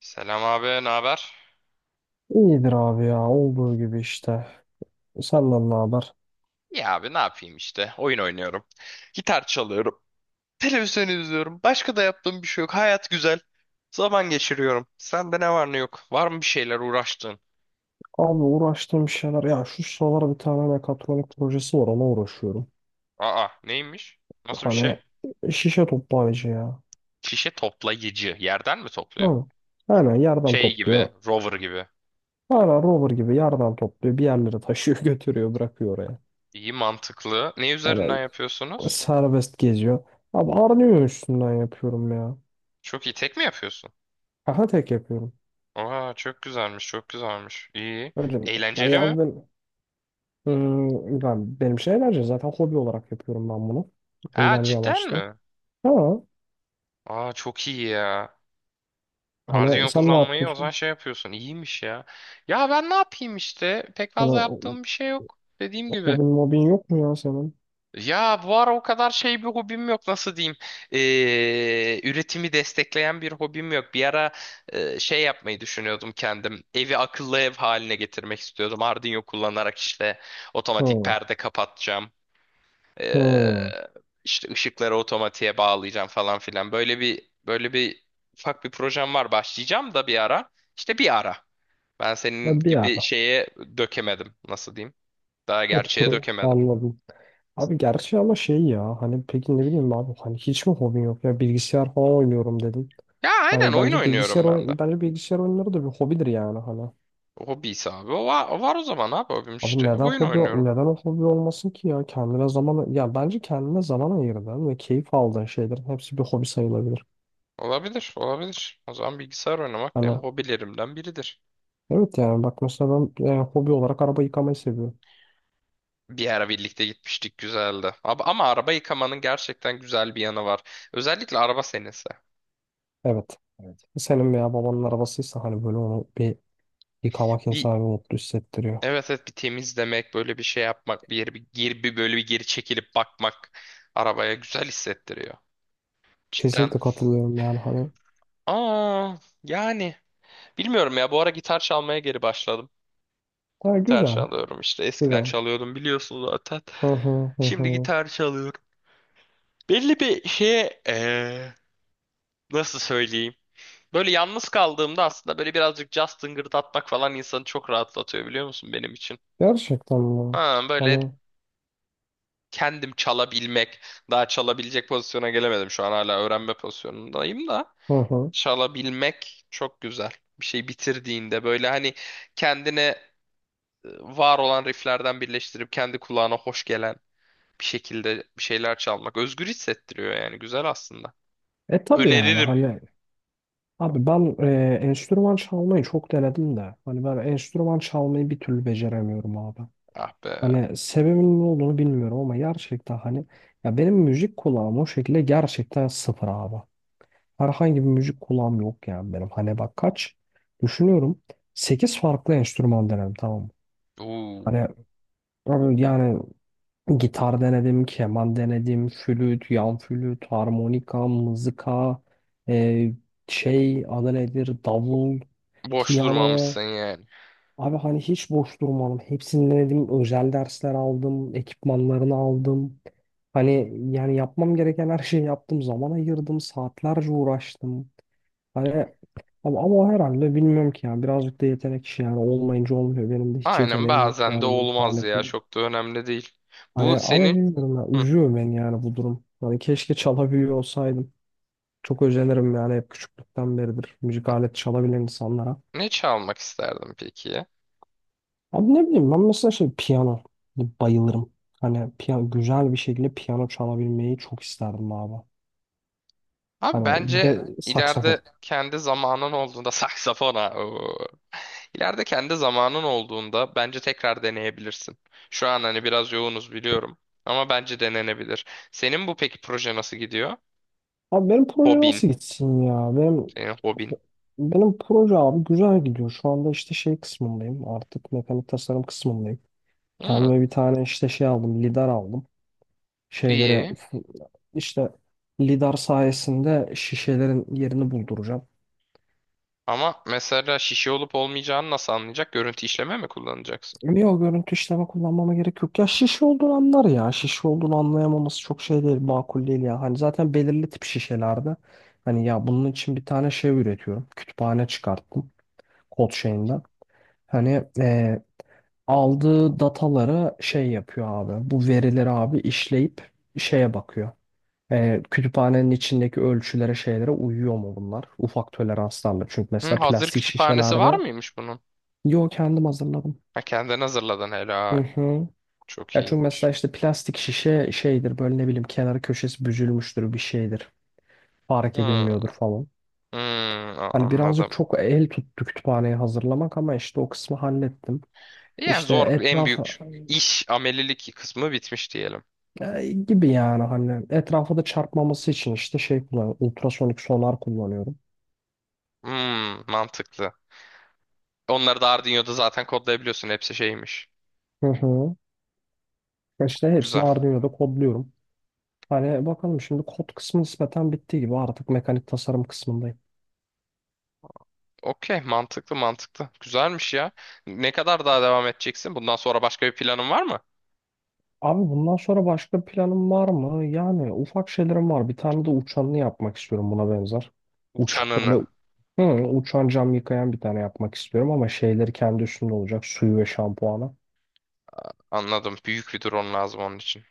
Selam abi, ne haber? İyidir abi ya olduğu gibi işte. Senden ne haber? Ya abi ne yapayım işte. Oyun oynuyorum. Gitar çalıyorum. Televizyon izliyorum. Başka da yaptığım bir şey yok. Hayat güzel. Zaman geçiriyorum. Sende ne var ne yok? Var mı bir şeyler uğraştığın? Abi uğraştığım şeyler ya şu sıralar bir tane mekatronik projesi var, ona uğraşıyorum. Aa, neymiş? Nasıl bir şey? Hani şişe toplayıcı ya. Şişe toplayıcı. Yerden mi topluyor? Hı. Aynen yerden Şey gibi, topluyor. rover gibi. Aynen rover gibi yerden topluyor. Bir yerlere taşıyor götürüyor, bırakıyor oraya. İyi mantıklı. Ne üzerinden Hani yapıyorsunuz? serbest geziyor. Abi Arduino üstünden yapıyorum ya. Çok iyi. Tek mi yapıyorsun? Aha, tek yapıyorum. Aa, çok güzelmiş, çok güzelmiş. İyi. Öyle mi? Ya Eğlenceli mi? ya ben benim şey eğlence, zaten hobi olarak yapıyorum ben bunu. Aa, Eğlence cidden amaçlı. mi? Ha. Aa, çok iyi ya. Hani Arduino sen ne kullanmayı o zaman yapıyorsun? şey yapıyorsun. İyiymiş ya. Ya ben ne yapayım işte? Pek Hani fazla yaptığım bir şey yok. Dediğim gibi. hobin mobin yok mu ya senin? Ya bu ara o kadar şey bir hobim yok. Nasıl diyeyim? Üretimi destekleyen bir hobim yok. Bir ara şey yapmayı düşünüyordum kendim. Evi akıllı ev haline getirmek istiyordum. Arduino kullanarak işte otomatik Hı. perde kapatacağım. Ee, Hı. işte ışıkları otomatiğe bağlayacağım falan filan. Böyle bir ufak bir projem var. Başlayacağım da bir ara. İşte bir ara. Ben Ha, senin bir gibi ara. şeye dökemedim. Nasıl diyeyim? Daha Hı, dur, gerçeğe dökemedim. anladım. Abi gerçi ama şey ya hani, peki ne bileyim abi, hani hiç mi hobin yok ya, bilgisayar falan oynuyorum dedin. Ya aynen Hani oyun oynuyorum ben de. bence bilgisayar oyunları da bir hobidir yani, hani. Hobisi abi. O var o zaman abi hobim Abi işte. Oyun oynuyorum. neden o hobi olmasın ki ya, kendine zaman, ya bence kendine zaman ayırdığın ve keyif aldığın şeylerin hepsi bir hobi sayılabilir. Olabilir, olabilir. O zaman bilgisayar oynamak benim Hani hobilerimden biridir. evet, yani bak mesela ben hobi olarak araba yıkamayı seviyorum. Bir ara birlikte gitmiştik güzeldi. Ama araba yıkamanın gerçekten güzel bir yanı var. Özellikle araba senesi. Evet. Evet. Senin veya babanın arabasıysa, hani böyle onu bir yıkamak Bir insanı bir mutlu hissettiriyor. evet, evet, bir temizlemek, böyle bir şey yapmak, bir yeri bir geri bir böyle bir geri çekilip bakmak arabaya güzel hissettiriyor. Cidden. Kesinlikle katılıyorum yani, hani. Aa, yani bilmiyorum ya, bu ara gitar çalmaya geri başladım. Ha, Gitar güzel. çalıyorum, işte eskiden Güzel. çalıyordum biliyorsun zaten. Hı hı hı Şimdi hı. gitar çalıyorum. Belli bir şeye nasıl söyleyeyim? Böyle yalnız kaldığımda aslında böyle birazcık jazz tıngırdatmak falan insanı çok rahatlatıyor, biliyor musun benim için? Gerçekten mi? Ha, böyle Hani kendim çalabilmek, daha çalabilecek pozisyona gelemedim, şu an hala öğrenme pozisyonundayım da hı hı. çalabilmek çok güzel. Bir şey bitirdiğinde böyle hani kendine var olan rifflerden birleştirip kendi kulağına hoş gelen bir şekilde bir şeyler çalmak özgür hissettiriyor, yani güzel aslında. E tabii, yani Öneririm. hani abi ben enstrüman çalmayı çok denedim de, hani ben enstrüman çalmayı bir türlü beceremiyorum abi. Ah be. Hani sebebinin ne olduğunu bilmiyorum ama, gerçekten hani, ya benim müzik kulağım o şekilde gerçekten sıfır abi. Herhangi bir müzik kulağım yok yani benim. Hani bak, kaç düşünüyorum. Sekiz farklı enstrüman denedim, tamam mı? Hani Uuu. abi yani, gitar denedim, keman denedim, flüt, yan flüt, harmonika, mızıka, e, şey adı nedir, davul, Boş piyano. durmamışsın yani. Abi hani hiç boş durmadım. Hepsini denedim. Özel dersler aldım, ekipmanlarını aldım. Hani yani yapmam gereken her şeyi yaptım. Zaman ayırdım, saatlerce uğraştım. Hani ama o herhalde bilmiyorum ki, yani birazcık da yetenek işi yani, olmayınca olmuyor. Benim de hiç Aynen, yeteneğim yok bazen de yani müzik olmaz ya, aletine. çok da önemli değil. Bu Hani ama senin bilmiyorum ya, Hı, üzüyor beni yani bu durum. Hani keşke çalabiliyor olsaydım. Çok özenirim yani, hep küçüklükten beridir müzik aleti çalabilen insanlara. ne çalmak isterdim peki? Ya? Abi ne bileyim, ben mesela şey piyano, bayılırım. Hani piyano, güzel bir şekilde piyano çalabilmeyi çok isterdim abi. Abi Hani bir de bence ben, ileride saksafon. kendi zamanın olduğunda saksafona. Oo. İleride kendi zamanın olduğunda bence tekrar deneyebilirsin. Şu an hani biraz yoğunuz biliyorum ama bence denenebilir. Senin bu peki proje nasıl gidiyor? Abi benim proje Hobin, nasıl gitsin ya? Benim senin hobin. Benim proje abi güzel gidiyor. Şu anda işte şey kısmındayım. Artık mekanik tasarım kısmındayım. Hmm, Kendime bir tane işte şey aldım. Lidar aldım. Şeylere iyi. işte, lidar sayesinde şişelerin yerini bulduracağım. Ama mesela şişe olup olmayacağını nasıl anlayacak? Görüntü işleme mi kullanacaksın? Niye, o görüntü işleme kullanmama gerek yok. Ya şişe olduğunu anlar ya. Şişe olduğunu anlayamaması çok şey değil. Makul değil ya. Hani zaten belirli tip şişelerde. Hani ya bunun için bir tane şey üretiyorum. Kütüphane çıkarttım. Kod şeyinden. Hani aldığı datalara şey yapıyor abi. Bu verileri abi işleyip şeye bakıyor. Kütüphanenin içindeki ölçülere, şeylere uyuyor mu bunlar? Ufak toleranslarla. Çünkü Hı, mesela hazır plastik kütüphanesi var şişelerde, mıymış bunun? yo, kendim hazırladım. Ha, kendin hazırladın, Hı helal. hı. Çok Ya çünkü mesela iyiymiş. işte plastik şişe şeydir, böyle ne bileyim kenarı köşesi büzülmüştür, bir şeydir. Fark Hmm, edilmiyordur falan. hmm, Hani birazcık anladım. çok el tuttu kütüphaneyi hazırlamak, ama işte o kısmı hallettim. Yani İşte zor en etrafa. büyük iş amelilik kısmı bitmiş diyelim. Gibi yani, hani etrafa da çarpmaması için işte şey kullanıyorum. Ultrasonik sonar kullanıyorum. Hmm, mantıklı. Onları da Arduino'da zaten kodlayabiliyorsun. Hepsi şeymiş. Hı hı. İşte hepsini Güzel. Arduino'da kodluyorum. Hani bakalım, şimdi kod kısmı nispeten bittiği gibi artık mekanik tasarım kısmındayım. Okey, mantıklı mantıklı. Güzelmiş ya. Ne kadar daha devam edeceksin? Bundan sonra başka bir planın var mı? Abi bundan sonra başka planım var mı? Yani ufak şeylerim var. Bir tane de uçanını yapmak istiyorum, buna benzer. Uç böyle Uçanını. hı, uçan cam yıkayan bir tane yapmak istiyorum, ama şeyleri kendi üstünde olacak. Suyu ve şampuanı. Anladım. Büyük bir drone lazım onun için.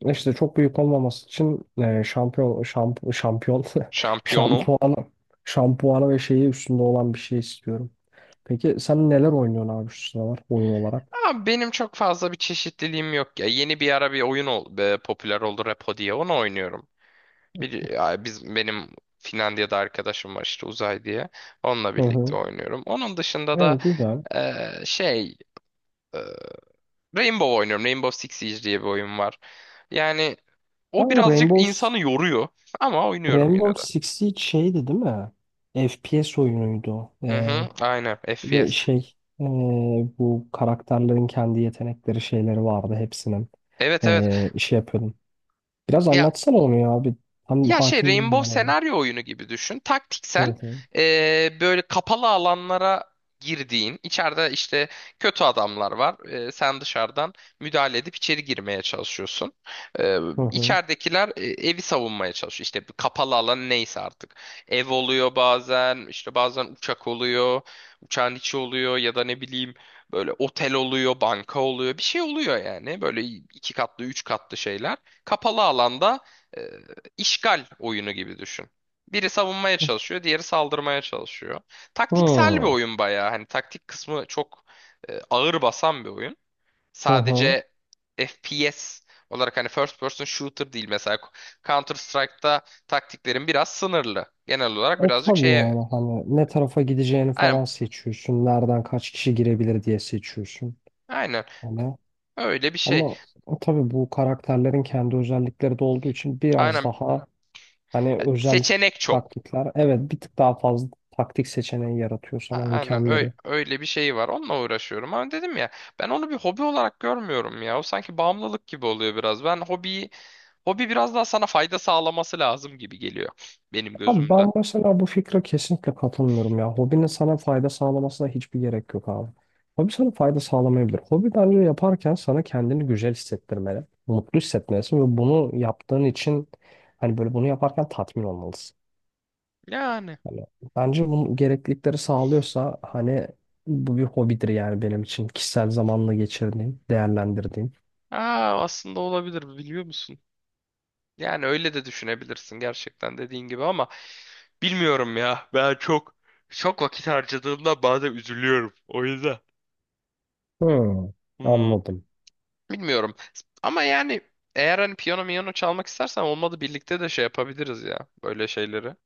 İşte çok büyük olmaması için, e, şampiyon şamp şampiyon Şampiyonu. şampuanı şampuanı ve şeyi üstünde olan bir şey istiyorum. Peki sen neler oynuyorsun abi şu sıralar oyun olarak? Aa, benim çok fazla bir çeşitliliğim yok ya. Yeni bir ara bir popüler oldu Repo diye. Onu oynuyorum. Bir, ya biz benim Finlandiya'da arkadaşım var, işte Uzay diye. Onunla Hı birlikte hı. oynuyorum. Onun dışında da Evet, güzel. e, şey Rainbow oynuyorum. Rainbow Six Siege diye bir oyun var. Yani Ha, o o birazcık Rainbow insanı yoruyor ama oynuyorum yine Rainbow de. Six Siege şeydi değil mi? FPS oyunuydu o. Hı hı, aynen Ve FPS. şey, e, bu karakterlerin kendi yetenekleri şeyleri vardı hepsinin. Evet, evet. Şey yapıyordum. Biraz Ya anlatsana onu ya abi. Tam hakim değilim ben Rainbow ona. senaryo oyunu gibi düşün. Hı Taktiksel, hı. Böyle kapalı alanlara girdiğin, içeride işte kötü adamlar var. Sen dışarıdan müdahale edip içeri girmeye çalışıyorsun. Eee Hı hı. içeridekiler evi savunmaya çalışıyor. İşte bir kapalı alan neyse artık. Ev oluyor bazen, işte bazen uçak oluyor, uçağın içi oluyor, ya da ne bileyim böyle otel oluyor, banka oluyor. Bir şey oluyor yani. Böyle iki katlı, üç katlı şeyler. Kapalı alanda İşgal oyunu gibi düşün. Biri savunmaya çalışıyor, diğeri saldırmaya çalışıyor. Taktiksel bir Hmm. oyun bayağı. Hani taktik kısmı çok ağır basan bir oyun. Hı hı. Sadece FPS olarak, hani first person shooter değil mesela, Counter Strike'ta taktiklerin biraz sınırlı. Genel E olarak birazcık tabii, şeye, yani hani ne tarafa gideceğini falan aynen, seçiyorsun. Nereden kaç kişi girebilir diye seçiyorsun. aynen Hani öyle bir şey. ama tabii bu karakterlerin kendi özellikleri de olduğu için biraz Aynen daha hani özel seçenek çok. taktikler. Evet, bir tık daha fazla taktik seçeneği yaratıyor, sana Aynen imkan öyle, veriyor. öyle bir şey var. Onunla uğraşıyorum. Ama dedim ya, ben onu bir hobi olarak görmüyorum ya. O sanki bağımlılık gibi oluyor biraz. Ben hobiyi, hobi biraz daha sana fayda sağlaması lazım gibi geliyor benim Abi gözümde. ben mesela bu fikre kesinlikle katılmıyorum ya. Hobinin sana fayda sağlamasına hiçbir gerek yok abi. Hobi sana fayda sağlamayabilir. Hobi bence yaparken sana kendini güzel hissettirmeli. Mutlu hissetmelisin ve bunu yaptığın için hani böyle bunu yaparken tatmin olmalısın. Yani Hani bence bunun gereklilikleri sağlıyorsa hani bu bir hobidir yani benim için. Kişisel zamanla geçirdiğim, değerlendirdiğim. aa, aslında olabilir biliyor musun? Yani öyle de düşünebilirsin gerçekten dediğin gibi ama bilmiyorum ya. Ben çok vakit harcadığımda bazen üzülüyorum. O yüzden. Hmm, Hmm. anladım. Bilmiyorum. Ama yani eğer hani piyano miyano çalmak istersen, olmadı birlikte de şey yapabiliriz ya böyle şeyleri.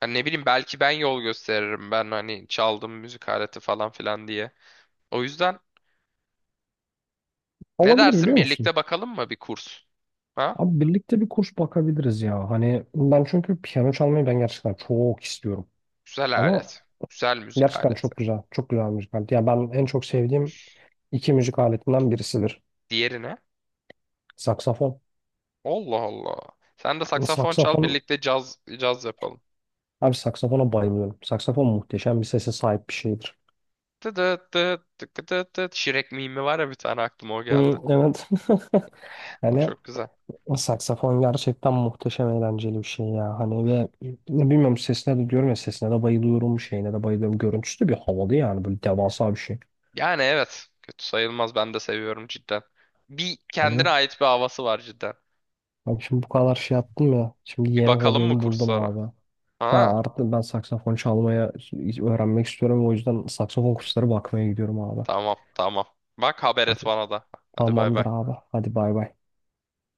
Hani ne bileyim, belki ben yol gösteririm, ben hani çaldım müzik aleti falan filan diye. O yüzden ne Olabilir dersin, biliyor musun? birlikte bakalım mı bir kurs? Ha? Abi birlikte bir kurs bakabiliriz ya. Hani ben çünkü piyano çalmayı ben gerçekten çok istiyorum. Güzel Ama alet. Güzel müzik gerçekten aleti. çok güzel, çok güzel müzik aleti. Yani ben en çok sevdiğim iki müzik aletinden birisidir. Diğerine? Saksafon. Allah Allah. Sen de saksafon çal, Saksafon, birlikte caz caz yapalım. abi saksafona bayılıyorum. Saksafon muhteşem bir sese sahip bir şeydir. Tıt tıt tıt tık tıt tıt. Şirek mimi var ya, bir tane aklıma o geldi. Hı, evet. O Yani çok güzel. o saksafon gerçekten muhteşem eğlenceli bir şey ya. Hani ve ne bilmiyorum, sesine de diyorum ya, sesine de bayılıyorum, şeyine de bayılıyorum. Görüntüsü de bir havalı yani, böyle devasa bir şey. Yani evet. Kötü sayılmaz. Ben de seviyorum cidden. Bir Hani kendine ait bir havası var cidden. abi şimdi bu kadar şey yaptım ya. Şimdi Bir yeni bakalım mı hobimi buldum kurslara? abi. Ben Ha, artık ben saksafon öğrenmek istiyorum. O yüzden saksafon kursları bakmaya gidiyorum abi. tamam tamam. Bak haber et Hadi. bana da. Hadi bay Tamamdır bay. abi. Hadi bay bay.